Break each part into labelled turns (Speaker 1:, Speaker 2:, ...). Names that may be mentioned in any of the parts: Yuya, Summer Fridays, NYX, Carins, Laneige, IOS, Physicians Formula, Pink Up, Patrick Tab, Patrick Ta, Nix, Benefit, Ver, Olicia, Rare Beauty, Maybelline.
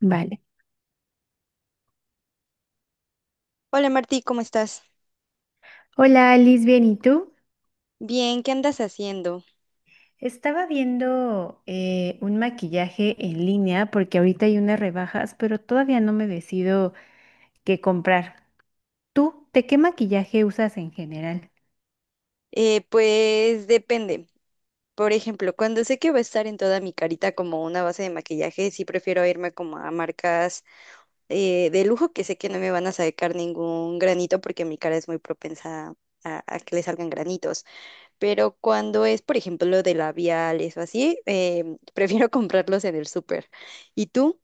Speaker 1: Vale.
Speaker 2: Hola Martí, ¿cómo estás?
Speaker 1: Hola, Alice, bien, ¿y tú?
Speaker 2: Bien, ¿qué andas haciendo?
Speaker 1: Estaba viendo un maquillaje en línea porque ahorita hay unas rebajas, pero todavía no me decido qué comprar. ¿Tú, de qué maquillaje usas en general?
Speaker 2: Pues depende. Por ejemplo, cuando sé que va a estar en toda mi carita como una base de maquillaje, sí prefiero irme como a marcas de lujo que sé que no me van a sacar ningún granito porque mi cara es muy propensa a que le salgan granitos. Pero cuando es, por ejemplo, de labiales o así, prefiero comprarlos en el súper. ¿Y tú?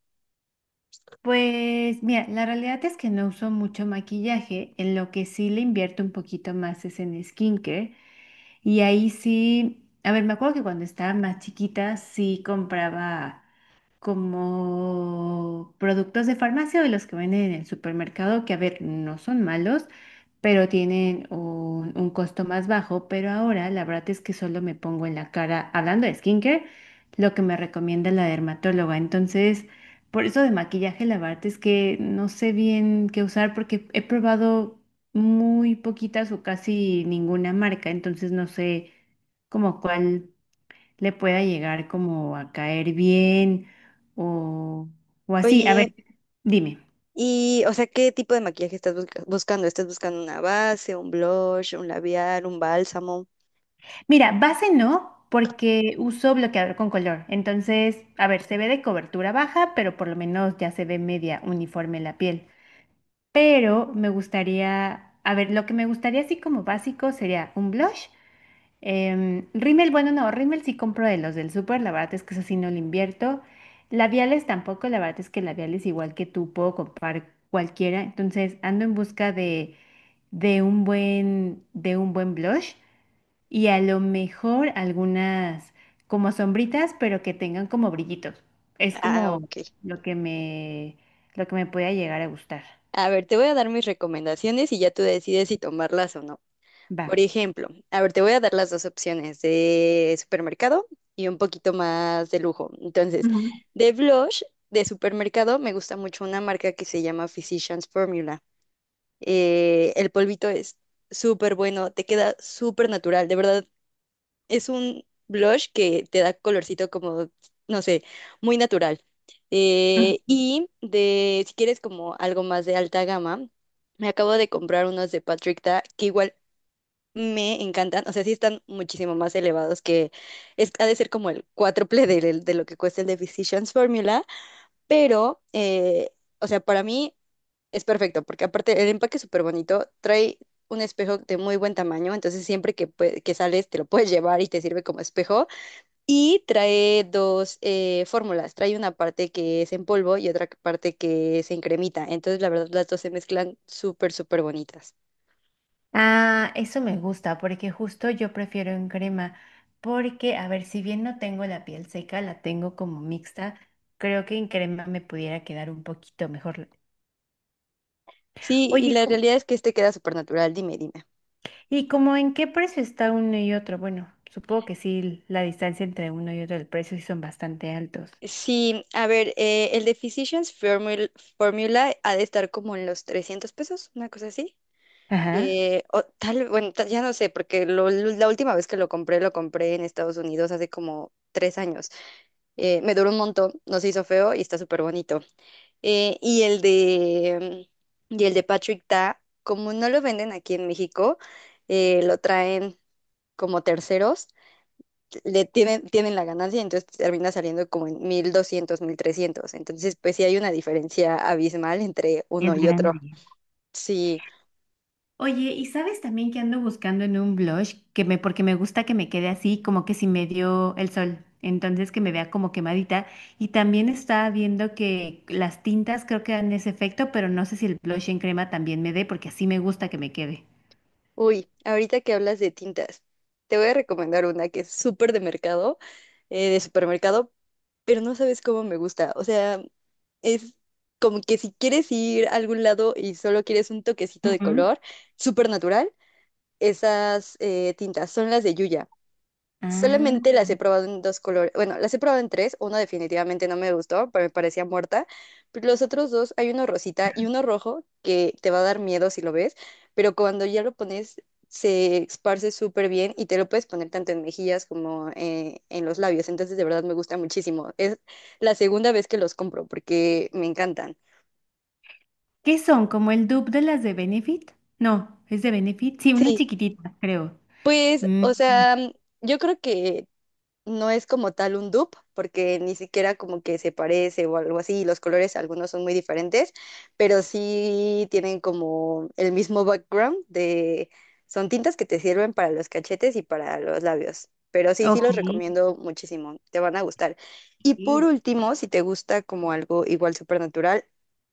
Speaker 1: Pues mira, la realidad es que no uso mucho maquillaje, en lo que sí le invierto un poquito más es en skincare. Y ahí sí, a ver, me acuerdo que cuando estaba más chiquita sí compraba como productos de farmacia o de los que venden en el supermercado, que a ver, no son malos, pero tienen un costo más bajo. Pero ahora la verdad es que solo me pongo en la cara, hablando de skincare, lo que me recomienda la dermatóloga. Entonces, por eso de maquillaje, la verdad es que no sé bien qué usar porque he probado muy poquitas o casi ninguna marca, entonces no sé como cuál le pueda llegar como a caer bien o, o así. A
Speaker 2: Oye.
Speaker 1: ver, dime.
Speaker 2: Y, o sea, ¿qué tipo de maquillaje estás buscando? ¿Estás buscando una base, un blush, un labial, un bálsamo?
Speaker 1: Mira, base no, porque uso bloqueador con color. Entonces, a ver, se ve de cobertura baja, pero por lo menos ya se ve media uniforme la piel. Pero me gustaría, a ver, lo que me gustaría así como básico sería un blush. Em, rímel, bueno, no, rímel sí compro de los del súper, la verdad es que eso sí no lo invierto. Labiales tampoco, la verdad es que labiales igual que tú puedo comprar cualquiera, entonces ando en busca de, de un buen blush y a lo mejor algunas como sombritas, pero que tengan como brillitos. Es
Speaker 2: Ah,
Speaker 1: como
Speaker 2: ok.
Speaker 1: lo que me, lo que me pueda llegar a gustar.
Speaker 2: A ver, te voy a dar mis recomendaciones y ya tú decides si tomarlas o no.
Speaker 1: Va.
Speaker 2: Por ejemplo, a ver, te voy a dar las dos opciones de supermercado y un poquito más de lujo. Entonces,
Speaker 1: Ujú,
Speaker 2: de blush de supermercado me gusta mucho una marca que se llama Physicians Formula. El polvito es súper bueno, te queda súper natural, de verdad es un blush que te da colorcito como, no sé, muy natural.
Speaker 1: ujú.
Speaker 2: Y si quieres como algo más de alta gama, me acabo de comprar unos de Patrick Ta que igual me encantan. O sea, sí están muchísimo más elevados que es, ha de ser como el cuádruple de lo que cuesta el de Physicians Formula, pero, o sea, para mí es perfecto porque aparte el empaque es súper bonito, trae un espejo de muy buen tamaño, entonces siempre que, que sales te lo puedes llevar y te sirve como espejo. Y trae dos fórmulas. Trae una parte que es en polvo y otra parte que es en cremita. Entonces, la verdad, las dos se mezclan súper, súper bonitas.
Speaker 1: Ah, eso me gusta porque justo yo prefiero en crema porque, a ver, si bien no tengo la piel seca, la tengo como mixta, creo que en crema me pudiera quedar un poquito mejor.
Speaker 2: Sí, y
Speaker 1: Oye,
Speaker 2: la realidad es que este queda súper natural. Dime, dime.
Speaker 1: ¿y como en qué precio está uno y otro? Bueno, supongo que sí, la distancia entre uno y otro, el precio sí son bastante altos.
Speaker 2: Sí, a ver, el de Physicians Formula ha de estar como en los 300 pesos, una cosa así.
Speaker 1: Ajá.
Speaker 2: O tal, bueno, ya no sé, porque la última vez que lo compré en Estados Unidos hace como 3 años. Me duró un montón, no se hizo feo y está súper bonito. Y el de, y el de Patrick Ta, como no lo venden aquí en México, lo traen como terceros, tienen la ganancia, entonces termina saliendo como en 1,200, 1,300. Entonces, pues sí hay una diferencia abismal entre
Speaker 1: Es
Speaker 2: uno y otro.
Speaker 1: grande.
Speaker 2: Sí,
Speaker 1: Oye, ¿y sabes también que ando buscando en un blush que me, porque me gusta que me quede así, como que si me dio el sol, entonces que me vea como quemadita? Y también estaba viendo que las tintas creo que dan ese efecto, pero no sé si el blush en crema también me dé, porque así me gusta que me quede.
Speaker 2: uy, ahorita que hablas de tintas, te voy a recomendar una que es súper de mercado, de supermercado, pero no sabes cómo me gusta. O sea, es como que si quieres ir a algún lado y solo quieres un toquecito de
Speaker 1: Ujú.
Speaker 2: color, súper natural, esas tintas son las de Yuya.
Speaker 1: Ah,
Speaker 2: Solamente las he probado en dos colores. Bueno, las he probado en tres. Una definitivamente no me gustó, pero me parecía muerta. Pero los otros dos, hay uno rosita y uno rojo que te va a dar miedo si lo ves, pero cuando ya lo pones, se esparce súper bien y te lo puedes poner tanto en mejillas como en los labios. Entonces, de verdad me gusta muchísimo. Es la segunda vez que los compro porque me encantan.
Speaker 1: ¿qué son? ¿Como el dupe de las de Benefit? No, ¿es de Benefit? Sí, una
Speaker 2: Sí,
Speaker 1: chiquitita, creo.
Speaker 2: pues,
Speaker 1: Mm,
Speaker 2: o sea, yo creo que no es como tal un dupe, porque ni siquiera como que se parece o algo así, y los colores algunos son muy diferentes, pero sí tienen como el mismo background son tintas que te sirven para los cachetes y para los labios, pero sí, sí
Speaker 1: ok.
Speaker 2: los recomiendo muchísimo, te van a gustar. Y por
Speaker 1: Ok.
Speaker 2: último, si te gusta como algo igual súper natural,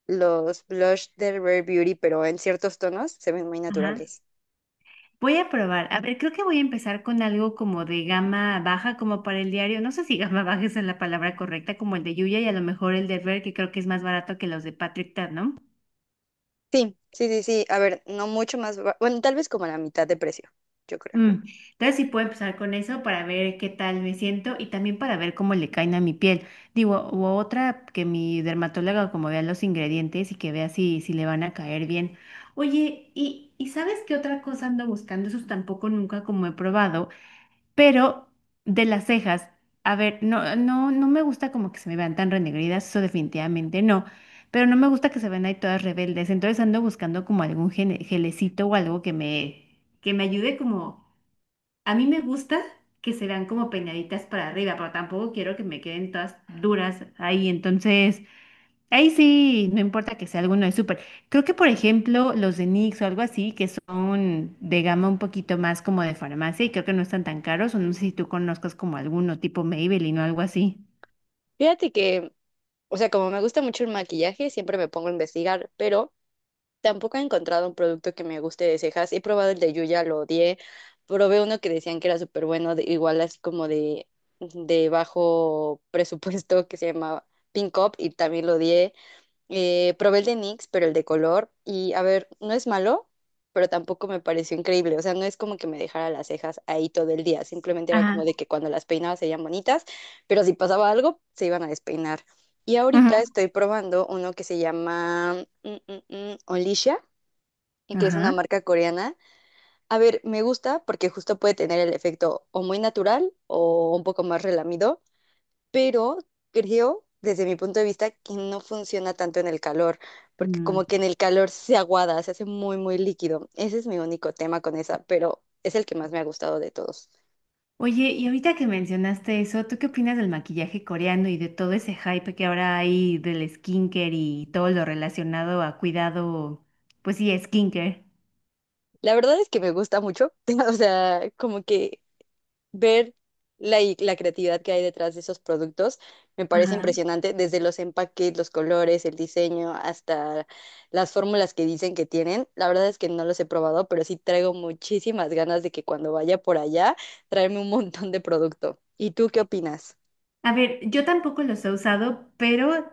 Speaker 2: los blush de Rare Beauty, pero en ciertos tonos se ven muy
Speaker 1: Ajá.
Speaker 2: naturales.
Speaker 1: Voy a probar. A ver, creo que voy a empezar con algo como de gama baja, como para el diario. No sé si gama baja es la palabra correcta, como el de Yuya y a lo mejor el de Ver, que creo que es más barato que los de Patrick Tab, ¿no?
Speaker 2: Sí, sí, sí, sí. A ver, no mucho más. Bueno, tal vez como a la mitad de precio, yo creo.
Speaker 1: Mm, entonces sí puedo empezar con eso para ver qué tal me siento y también para ver cómo le caen a mi piel. Digo, u otra que mi dermatóloga como vea los ingredientes y que vea si, si le van a caer bien. Oye, ¿y sabes qué otra cosa ando buscando? Esos tampoco nunca como he probado. Pero de las cejas, a ver, no me gusta como que se me vean tan renegridas, eso definitivamente no. Pero no me gusta que se vean ahí todas rebeldes. Entonces ando buscando como algún gelecito o algo que me ayude como. A mí me gusta que se vean como peinaditas para arriba, pero tampoco quiero que me queden todas duras ahí. Entonces. Ahí sí, no importa que sea alguno de súper. Creo que, por ejemplo, los de Nix o algo así, que son de gama un poquito más como de farmacia y creo que no están tan caros, o no sé si tú conozcas como alguno tipo Maybelline o algo así.
Speaker 2: Fíjate que, o sea, como me gusta mucho el maquillaje, siempre me pongo a investigar, pero tampoco he encontrado un producto que me guste de cejas. He probado el de Yuya, lo odié. Probé uno que decían que era súper bueno, igual así como de bajo presupuesto, que se llamaba Pink Up, y también lo odié. Probé el de NYX, pero el de color. Y a ver, no es malo, pero tampoco me pareció increíble. O sea, no es como que me dejara las cejas ahí todo el día. Simplemente era como
Speaker 1: Ajá.
Speaker 2: de que cuando las peinaba se veían bonitas, pero si pasaba algo, se iban a despeinar. Y ahorita
Speaker 1: Ajá.
Speaker 2: estoy probando uno que se llama Olicia, y que es una
Speaker 1: Ajá.
Speaker 2: marca coreana. A ver, me gusta porque justo puede tener el efecto o muy natural o un poco más relamido, pero creo, desde mi punto de vista, que no funciona tanto en el calor, porque
Speaker 1: Mm.
Speaker 2: como que en el calor se aguada, se hace muy, muy líquido. Ese es mi único tema con esa, pero es el que más me ha gustado de todos.
Speaker 1: Oye, y ahorita que mencionaste eso, ¿tú qué opinas del maquillaje coreano y de todo ese hype que ahora hay del skincare y todo lo relacionado a cuidado, pues sí, skincare?
Speaker 2: La verdad es que me gusta mucho, o sea, como que ver la creatividad que hay detrás de esos productos me parece
Speaker 1: Ajá.
Speaker 2: impresionante, desde los empaques, los colores, el diseño, hasta las fórmulas que dicen que tienen. La verdad es que no los he probado, pero sí traigo muchísimas ganas de que cuando vaya por allá, traerme un montón de producto. ¿Y tú qué opinas?
Speaker 1: A ver, yo tampoco los he usado, pero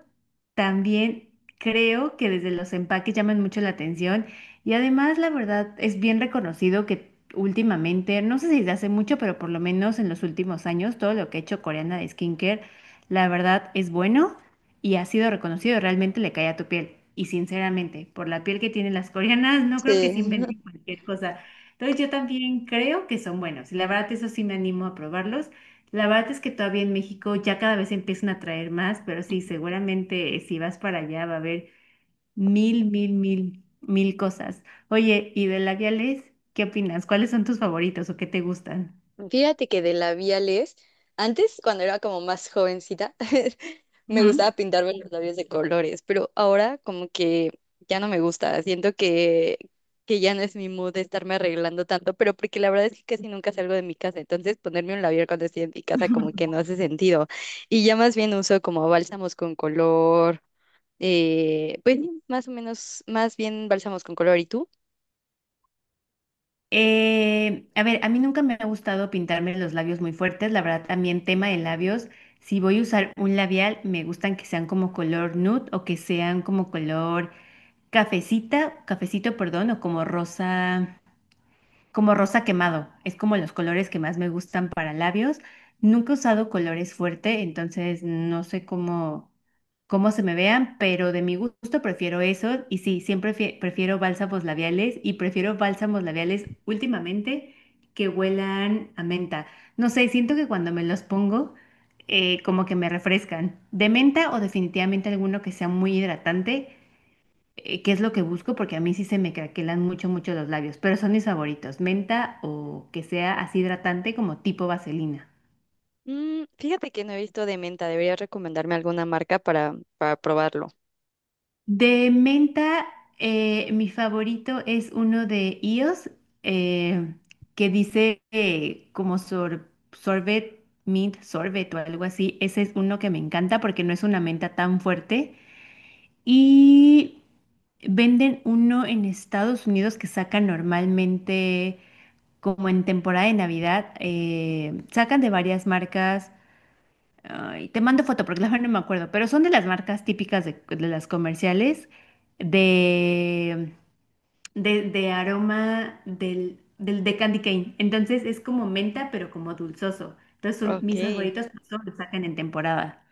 Speaker 1: también creo que desde los empaques llaman mucho la atención y además la verdad es bien reconocido que últimamente, no sé si desde hace mucho, pero por lo menos en los últimos años, todo lo que ha hecho Coreana de skincare, la verdad es bueno y ha sido reconocido, realmente le cae a tu piel. Y sinceramente, por la piel que tienen las coreanas, no creo que
Speaker 2: Sí.
Speaker 1: se inventen cualquier cosa. Entonces yo también creo que son buenos y la verdad eso sí me animo a probarlos. La verdad es que todavía en México ya cada vez empiezan a traer más, pero sí, seguramente si vas para allá va a haber mil, mil, mil, mil cosas. Oye, ¿y de labiales? ¿Qué opinas? ¿Cuáles son tus favoritos o qué te gustan?
Speaker 2: Fíjate que de labiales, antes cuando era como más jovencita, me
Speaker 1: Ujú.
Speaker 2: gustaba pintarme los labios de colores, pero ahora como que ya no me gusta, siento que ya no es mi mood de estarme arreglando tanto, pero porque la verdad es que casi nunca salgo de mi casa, entonces ponerme un labial cuando estoy en mi casa como que no hace sentido. Y ya más bien uso como bálsamos con color, pues sí, más o menos, más bien bálsamos con color. ¿Y tú?
Speaker 1: A ver, a mí nunca me ha gustado pintarme los labios muy fuertes, la verdad también tema de labios, si voy a usar un labial, me gustan que sean como color nude o que sean como color cafecita, cafecito, perdón, o como rosa. Como rosa quemado. Es como los colores que más me gustan para labios. Nunca he usado colores fuerte, entonces no sé cómo, cómo se me vean, pero de mi gusto prefiero eso. Y sí, prefiero bálsamos labiales y prefiero bálsamos labiales últimamente que huelan a menta. No sé, siento que cuando me los pongo, como que me refrescan. De menta o definitivamente alguno que sea muy hidratante, qué es lo que busco, porque a mí sí se me craquelan mucho, mucho los labios, pero son mis favoritos, menta o que sea así hidratante como tipo vaselina.
Speaker 2: Fíjate que no he visto de menta, deberías recomendarme alguna marca para probarlo.
Speaker 1: De menta, mi favorito es uno de IOS, eh, que dice como sorbet, mint sorbet o algo así. Ese es uno que me encanta porque no es una menta tan fuerte. Y venden uno en Estados Unidos que sacan normalmente como en temporada de Navidad, sacan de varias marcas, ay, te mando foto porque la verdad no me acuerdo, pero son de las marcas típicas de las comerciales de, de aroma del, del de candy cane. Entonces es como menta, pero como dulzoso. Entonces son
Speaker 2: Ok,
Speaker 1: mis favoritos, por eso los sacan en temporada.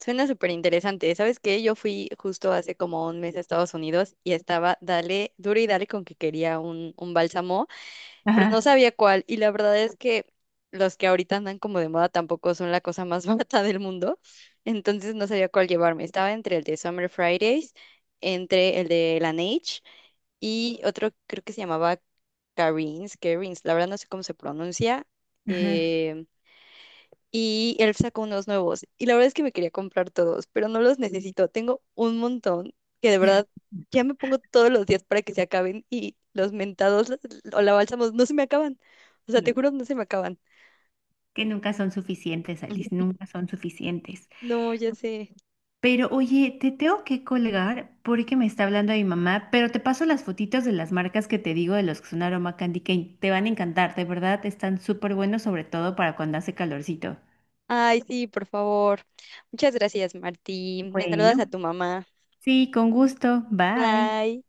Speaker 2: suena súper interesante. ¿Sabes qué? Yo fui justo hace como un mes a Estados Unidos y estaba, dale, duro y dale con que quería un bálsamo. Pero no
Speaker 1: Ajá,
Speaker 2: sabía cuál. Y la verdad es que los que ahorita andan como de moda tampoco son la cosa más barata del mundo. Entonces no sabía cuál llevarme. Estaba entre el de Summer Fridays, entre el de Laneige y otro creo que se llamaba Carins. La verdad no sé cómo se pronuncia.
Speaker 1: ajá.
Speaker 2: eh, y él sacó unos nuevos. Y la verdad es que me quería comprar todos, pero no los necesito. Tengo un montón que de verdad ya me pongo todos los días para que se acaben y los mentados o la bálsamos no se me acaban. O sea, te
Speaker 1: No,
Speaker 2: juro, no se me acaban.
Speaker 1: que nunca son suficientes, Alice, nunca son suficientes.
Speaker 2: No, ya sé.
Speaker 1: Pero oye, te tengo que colgar porque me está hablando mi mamá, pero te paso las fotitos de las marcas que te digo de los que son aroma candy cane. Te van a encantar, de verdad, están súper buenos, sobre todo para cuando hace calorcito.
Speaker 2: Ay, sí, por favor. Muchas gracias, Martín. Me saludas a
Speaker 1: Bueno.
Speaker 2: tu mamá.
Speaker 1: Sí, con gusto. Bye.
Speaker 2: Bye.